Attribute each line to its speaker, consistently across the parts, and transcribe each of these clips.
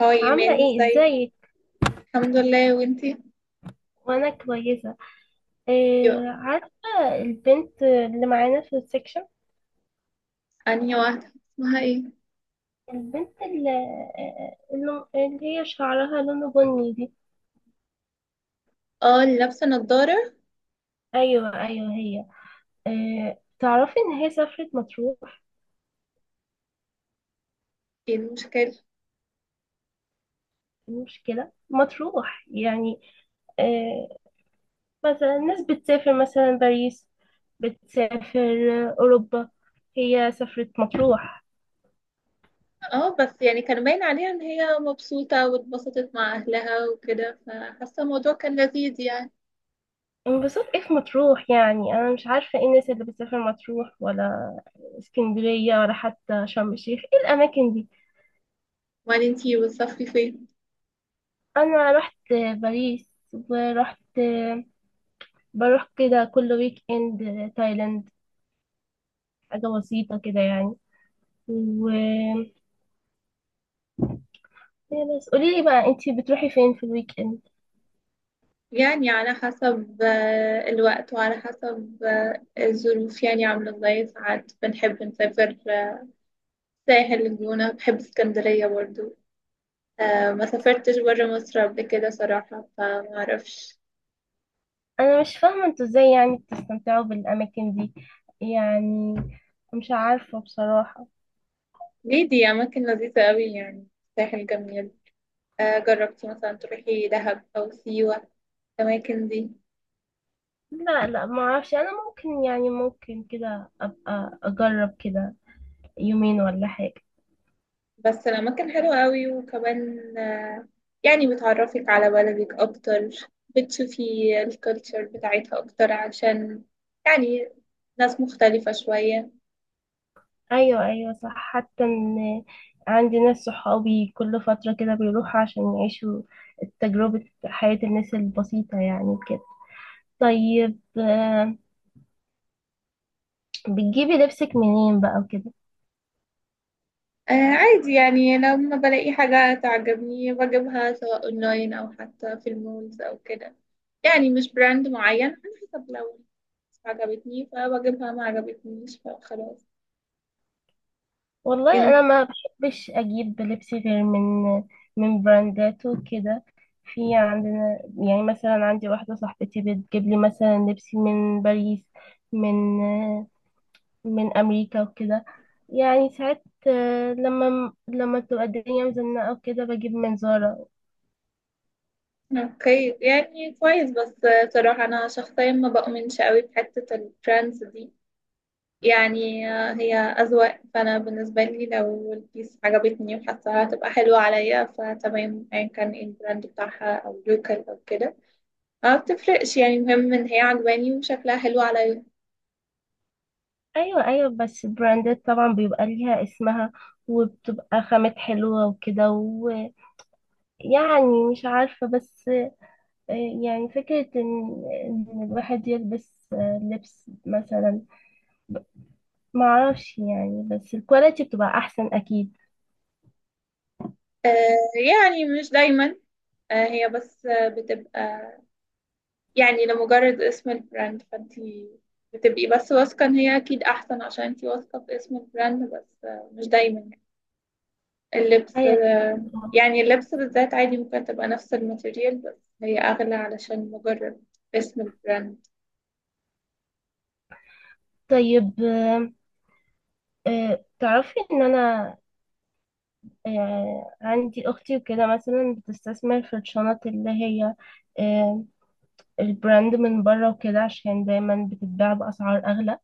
Speaker 1: هاي
Speaker 2: عاملة
Speaker 1: ايمان،
Speaker 2: ايه
Speaker 1: ازاي؟
Speaker 2: ازيك.
Speaker 1: الحمد لله، وانتي؟
Speaker 2: وانا كويسة.
Speaker 1: يو.
Speaker 2: إيه عارفة، البنت اللي معانا في السكشن،
Speaker 1: انهي واحده، اسمها ايه؟
Speaker 2: البنت اللي, آه، اللي اللي هي شعرها لونه بني دي.
Speaker 1: اه، اللي لابسه نضاره.
Speaker 2: ايوه ايوه هي. إيه تعرفي ان هي سافرت مطروح.
Speaker 1: ايه المشكله؟
Speaker 2: إيه المشكلة مطروح يعني؟ إيه، مثلا الناس بتسافر مثلا باريس، بتسافر اوروبا، هي سافرت مطروح.
Speaker 1: اه، بس يعني كان باين عليها ان هي مبسوطه واتبسطت مع اهلها وكده، فحاسه الموضوع كان لذيذ يعني.
Speaker 2: انبسطت ايه في مطروح يعني، انا مش عارفه ايه الناس اللي بتسافر مطروح ولا اسكندريه ولا حتى شرم الشيخ ايه الاماكن دي.
Speaker 1: وبعدين انتي بتصفي فين؟
Speaker 2: انا رحت باريس، ورحت، بروح كده كل ويك اند تايلاند، حاجه بسيطه كده يعني. و، إيه بس قولي لي بقى انتي بتروحي فين في الويك اند؟
Speaker 1: يعني على حسب الوقت، وعلى حسب الظروف، يعني عامله ازاي. ساعات بنحب نسافر، ساحل الجونه، بحب اسكندريه برضو. ما سافرتش برا مصر قبل كده صراحة، فما اعرفش.
Speaker 2: انا مش فاهمه انتوا ازاي يعني بتستمتعوا بالاماكن دي يعني، مش عارفه بصراحه.
Speaker 1: ليه؟ دي أماكن لذيذة قوي يعني. ساحل جميل. جربتي مثلا تروحي دهب أو سيوة؟ الأماكن دي.
Speaker 2: لا لا ما اعرفش، انا ممكن يعني ممكن كده ابقى اجرب كده يومين ولا حاجة.
Speaker 1: بس الأماكن حلوة قوي، وكمان يعني بتعرفك على بلدك أكتر. بتشوفي الكالتشر بتاعتها أكتر، عشان يعني ناس مختلفة شوية.
Speaker 2: ايوه ايوه صح، حتى ان عندي ناس صحابي كل فترة كده بيروحوا عشان يعيشوا تجربة حياة الناس البسيطة يعني كده. طيب بتجيبي لبسك منين بقى وكده؟
Speaker 1: عادي، يعني لما بلاقي حاجة تعجبني بجيبها، سواء اونلاين او حتى في المولز او كده. يعني مش براند معين، على حسب، لو عجبتني فبجيبها، ما عجبتنيش فخلاص.
Speaker 2: والله انا
Speaker 1: إن-
Speaker 2: ما بحبش اجيب لبس غير من من براندات وكده. في عندنا يعني مثلا عندي واحده صاحبتي بتجيب لي مثلا لبس من باريس، من من امريكا وكده. يعني ساعات لما بتبقى الدنيا مزنقه وكده بجيب من زارا.
Speaker 1: اوكي، يعني كويس، بس صراحة انا شخصيا ما بؤمنش قوي بحتة البراندز دي. يعني هي أذواق، فأنا بالنسبة لي لو البيس عجبتني وحاسة هتبقى حلوة عليا فتمام، أيا كان إيه البراند بتاعها، أو لوكال أو كده. ما بتفرقش، يعني المهم ان هي عجباني وشكلها حلو عليا.
Speaker 2: ايوه ايوه بس براندات طبعا بيبقى ليها اسمها، وبتبقى خامات حلوه وكده. ويعني مش عارفه بس، يعني فكرة إن الواحد يلبس لبس مثلا، معرفش يعني، بس الكواليتي بتبقى أحسن أكيد.
Speaker 1: آه يعني مش دايما. هي بس بتبقى يعني لمجرد اسم البراند، فانتي بتبقي بس واثقة ان هي اكيد احسن، عشان انتي واثقة باسم البراند، بس مش دايما يعني. اللبس،
Speaker 2: أيوة.
Speaker 1: يعني اللبس بالذات عادي ممكن تبقى نفس الماتيريال، بس هي اغلى علشان مجرد اسم البراند.
Speaker 2: طيب تعرفي إن أنا عندي أختي وكده مثلا بتستثمر في الشنط اللي هي آه، البراند من بره وكده عشان دايما بتتباع بأسعار أغلى.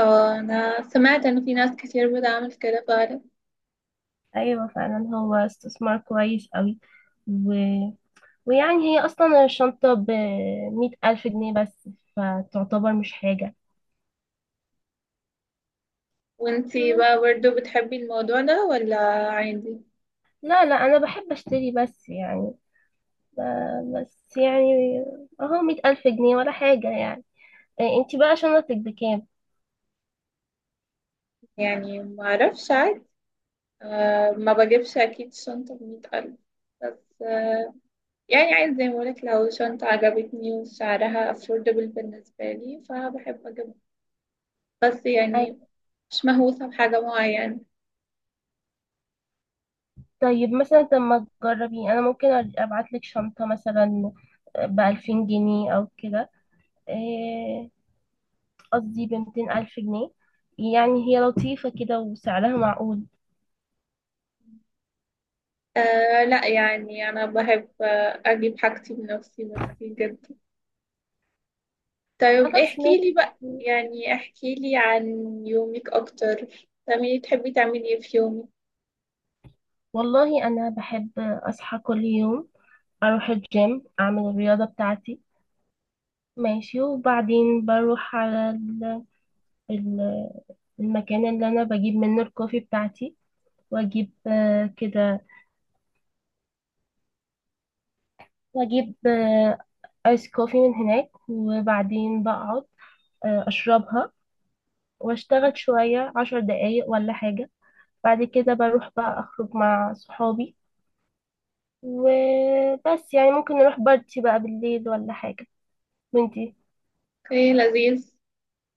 Speaker 1: انا سمعت ان في ناس كتير بتعمل كده فعلا.
Speaker 2: أيوة فعلا، هو استثمار كويس أوي. ويعني هي أصلا الشنطة بمية ألف جنيه بس، فتعتبر مش حاجة.
Speaker 1: وانتي بقى برضو بتحبي الموضوع ده ولا عادي؟
Speaker 2: لا لا أنا بحب أشتري بس يعني، بس يعني أهو 100 ألف جنيه ولا حاجة يعني. إيه، انتي بقى شنطتك بكام؟
Speaker 1: يعني ما اعرفش، عادي. أه، ما بجيبش اكيد شنطة بمية ألف، بس أه، يعني عايز زي ما بقولك، لو شنطة عجبتني وسعرها affordable بالنسبة لي فبحب اجيبها، بس يعني
Speaker 2: أي-
Speaker 1: مش مهووسة بحاجة معينة.
Speaker 2: طيب مثلا، طب ما تجربي، أنا ممكن أبعتلك شنطة مثلا بـ2000 جنيه أو كده. إيه، قصدي بـ200 ألف جنيه، يعني هي لطيفة كده وسعرها معقول.
Speaker 1: أه لا، يعني انا بحب اجيب حاجتي بنفسي، ميرسي جدا. طيب
Speaker 2: خلاص
Speaker 1: احكي
Speaker 2: ماشي.
Speaker 1: لي بقى، يعني احكي لي عن يومك اكتر. تعملي، تحبي تعملي ايه في يومك؟
Speaker 2: والله أنا بحب أصحى كل يوم، أروح الجيم أعمل الرياضة بتاعتي، ماشي، وبعدين بروح على ال- المكان اللي أنا بجيب منه الكوفي بتاعتي، وأجيب كده، وأجيب آيس كوفي من هناك، وبعدين بقعد أشربها، وأشتغل شوية 10 دقايق ولا حاجة. بعد كده بروح بقى أخرج مع صحابي. وبس يعني ممكن نروح بارتي بقى بالليل ولا حاجة. وانتي؟
Speaker 1: ايه لذيذ.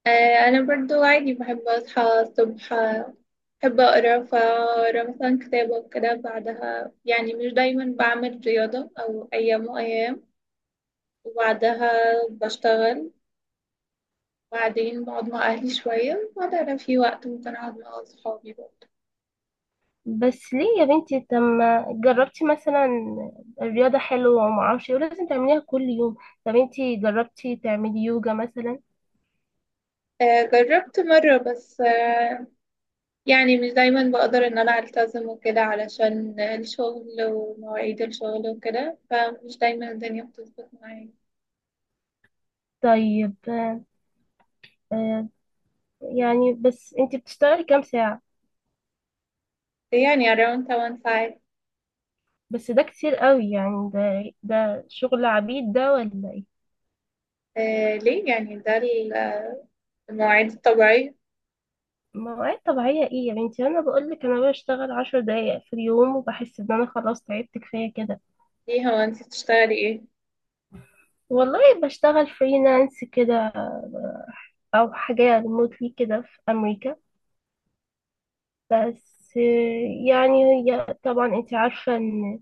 Speaker 1: انا برضو عادي بحب اصحى الصبح، بحب اقرا، فاقرا مثلا كتابة وكده. بعدها يعني مش دايما بعمل رياضة، او ايام وايام، وبعدها بشتغل. بعدين بقعد مع اهلي شوية، وبعدها لو في وقت ممكن اقعد مع اصحابي برضو.
Speaker 2: بس ليه يا بنتي، طب ما جربتي مثلا، الرياضة حلوة وما اعرفش ايه، ولازم تعمليها كل يوم. طب انتي جربتي تعملي يوجا مثلا؟
Speaker 1: جربت مرة، بس يعني مش دايما بقدر ان انا التزم وكده، علشان الشغل ومواعيد الشغل وكده، فمش دايما الدنيا بتظبط معايا.
Speaker 2: طيب آه، يعني بس انتي بتشتغلي كام ساعة؟
Speaker 1: يعني around 1.5.
Speaker 2: بس ده كتير قوي يعني، ده شغل عبيد ده ولا ايه؟
Speaker 1: ليه؟ يعني ده ال- آه، المواعيد الطبيعية.
Speaker 2: مواعيد طبيعية ايه يا بنتي، انا بقولك انا بشتغل 10 دقايق في اليوم وبحس ان انا خلاص تعبت كفاية كده.
Speaker 1: ليه، هو انت بتشتغلي ايه؟
Speaker 2: والله بشتغل فريلانس كده، او حاجة ريموتلي كده في امريكا بس، يعني هي طبعا انت عارفة ان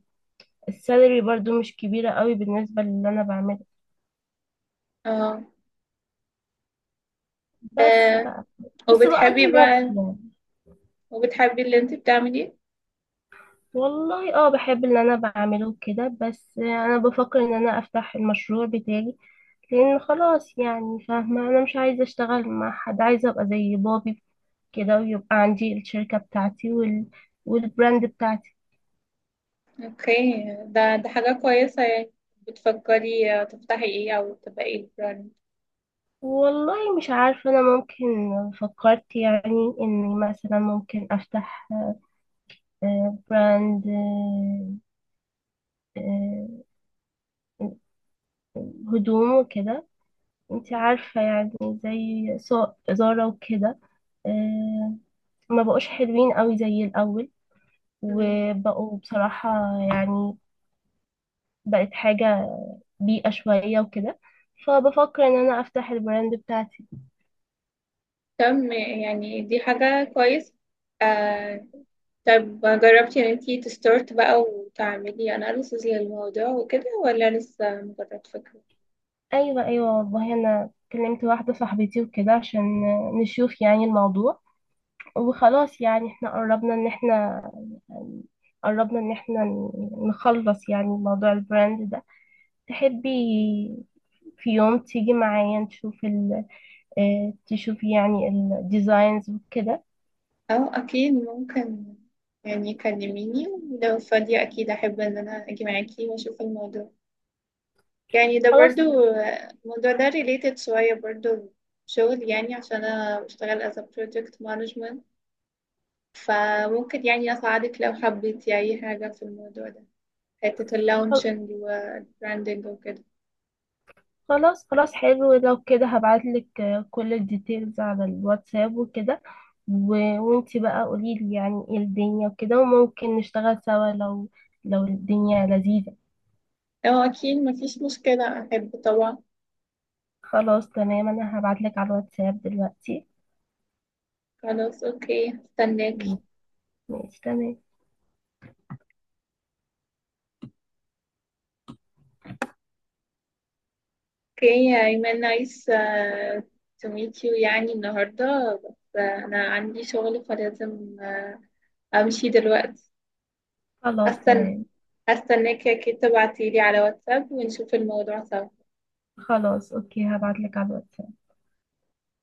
Speaker 2: السالري برضو مش كبيرة قوي بالنسبة للي انا بعمله،
Speaker 1: اه.
Speaker 2: بس
Speaker 1: آه،
Speaker 2: بقى، بس
Speaker 1: وبتحبي
Speaker 2: بقضي
Speaker 1: بقى؟
Speaker 2: نفسي يعني.
Speaker 1: اللي انت بتعمليه؟
Speaker 2: والله اه بحب اللي انا بعمله كده، بس انا بفكر ان انا افتح المشروع بتاعي، لان خلاص يعني فاهمة، انا مش عايزة اشتغل مع حد، عايزة ابقى زي بابي كده، ويبقى عندي الشركة بتاعتي، وال... والبراند بتاعتي.
Speaker 1: اوكي، ده حاجة كويسة يعني. بتفكري تفتحي ايه، او تبقى ايه البراند؟
Speaker 2: والله مش عارفة، أنا ممكن فكرت يعني إني مثلا ممكن أفتح براند آه، آه، هدوم وكده، انت عارفة يعني، زي زارا وكده آه، ما بقوش حلوين قوي زي الأول،
Speaker 1: مم.
Speaker 2: وبقوا بصراحة يعني، بقت حاجة بيئة شوية وكده، فبفكر ان انا افتح البراند بتاعتي.
Speaker 1: تم، يعني دي حاجة كويسة. آه طب جربتي ان انتي تستارت بقى وتعملي اناليسز للموضوع وكده، ولا لسه مجرد فكرة؟
Speaker 2: ايوه ايوه والله انا كلمت واحدة صاحبتي وكده عشان نشوف يعني الموضوع، وخلاص يعني احنا قربنا ان احنا، قربنا ان احنا نخلص يعني موضوع البراند ده. تحبي في يوم تيجي معايا نشوف ال، تشوفي يعني الديزاينز وكده؟
Speaker 1: اه اكيد ممكن، يعني كلميني، لو فاضية اكيد احب ان انا اجي معاكي واشوف الموضوع. يعني ده
Speaker 2: خلاص.
Speaker 1: برضو، الموضوع ده related شوية، برضو شغل، يعني عشان انا بشتغل as a project management. فممكن يعني اساعدك لو حبيتي اي حاجة في الموضوع ده، حتة
Speaker 2: خل-
Speaker 1: اللونشنج والبراندنج وكده.
Speaker 2: خلاص خلاص حلو، لو كده هبعتلك كل الديتيلز على الواتساب وكده. وانتي بقى قوليلي يعني ايه الدنيا وكده، وممكن نشتغل سوا لو، لو الدنيا لذيذة.
Speaker 1: اه اكيد مفيش مشكلة، احب طبعا.
Speaker 2: خلاص تمام، انا هبعتلك على الواتساب دلوقتي.
Speaker 1: خلاص، اوكي، استناك.
Speaker 2: مم. ماشي تمام.
Speaker 1: اوكي ايمن، نايس تو ميت يو يعني النهارده، بس انا عندي شغل فلازم امشي دلوقتي.
Speaker 2: خلاص
Speaker 1: هستنى
Speaker 2: تمام.
Speaker 1: هستناك كده، تبعتيلي على واتساب ونشوف الموضوع سوا.
Speaker 2: خلاص اوكي هبعتلك على الواتساب.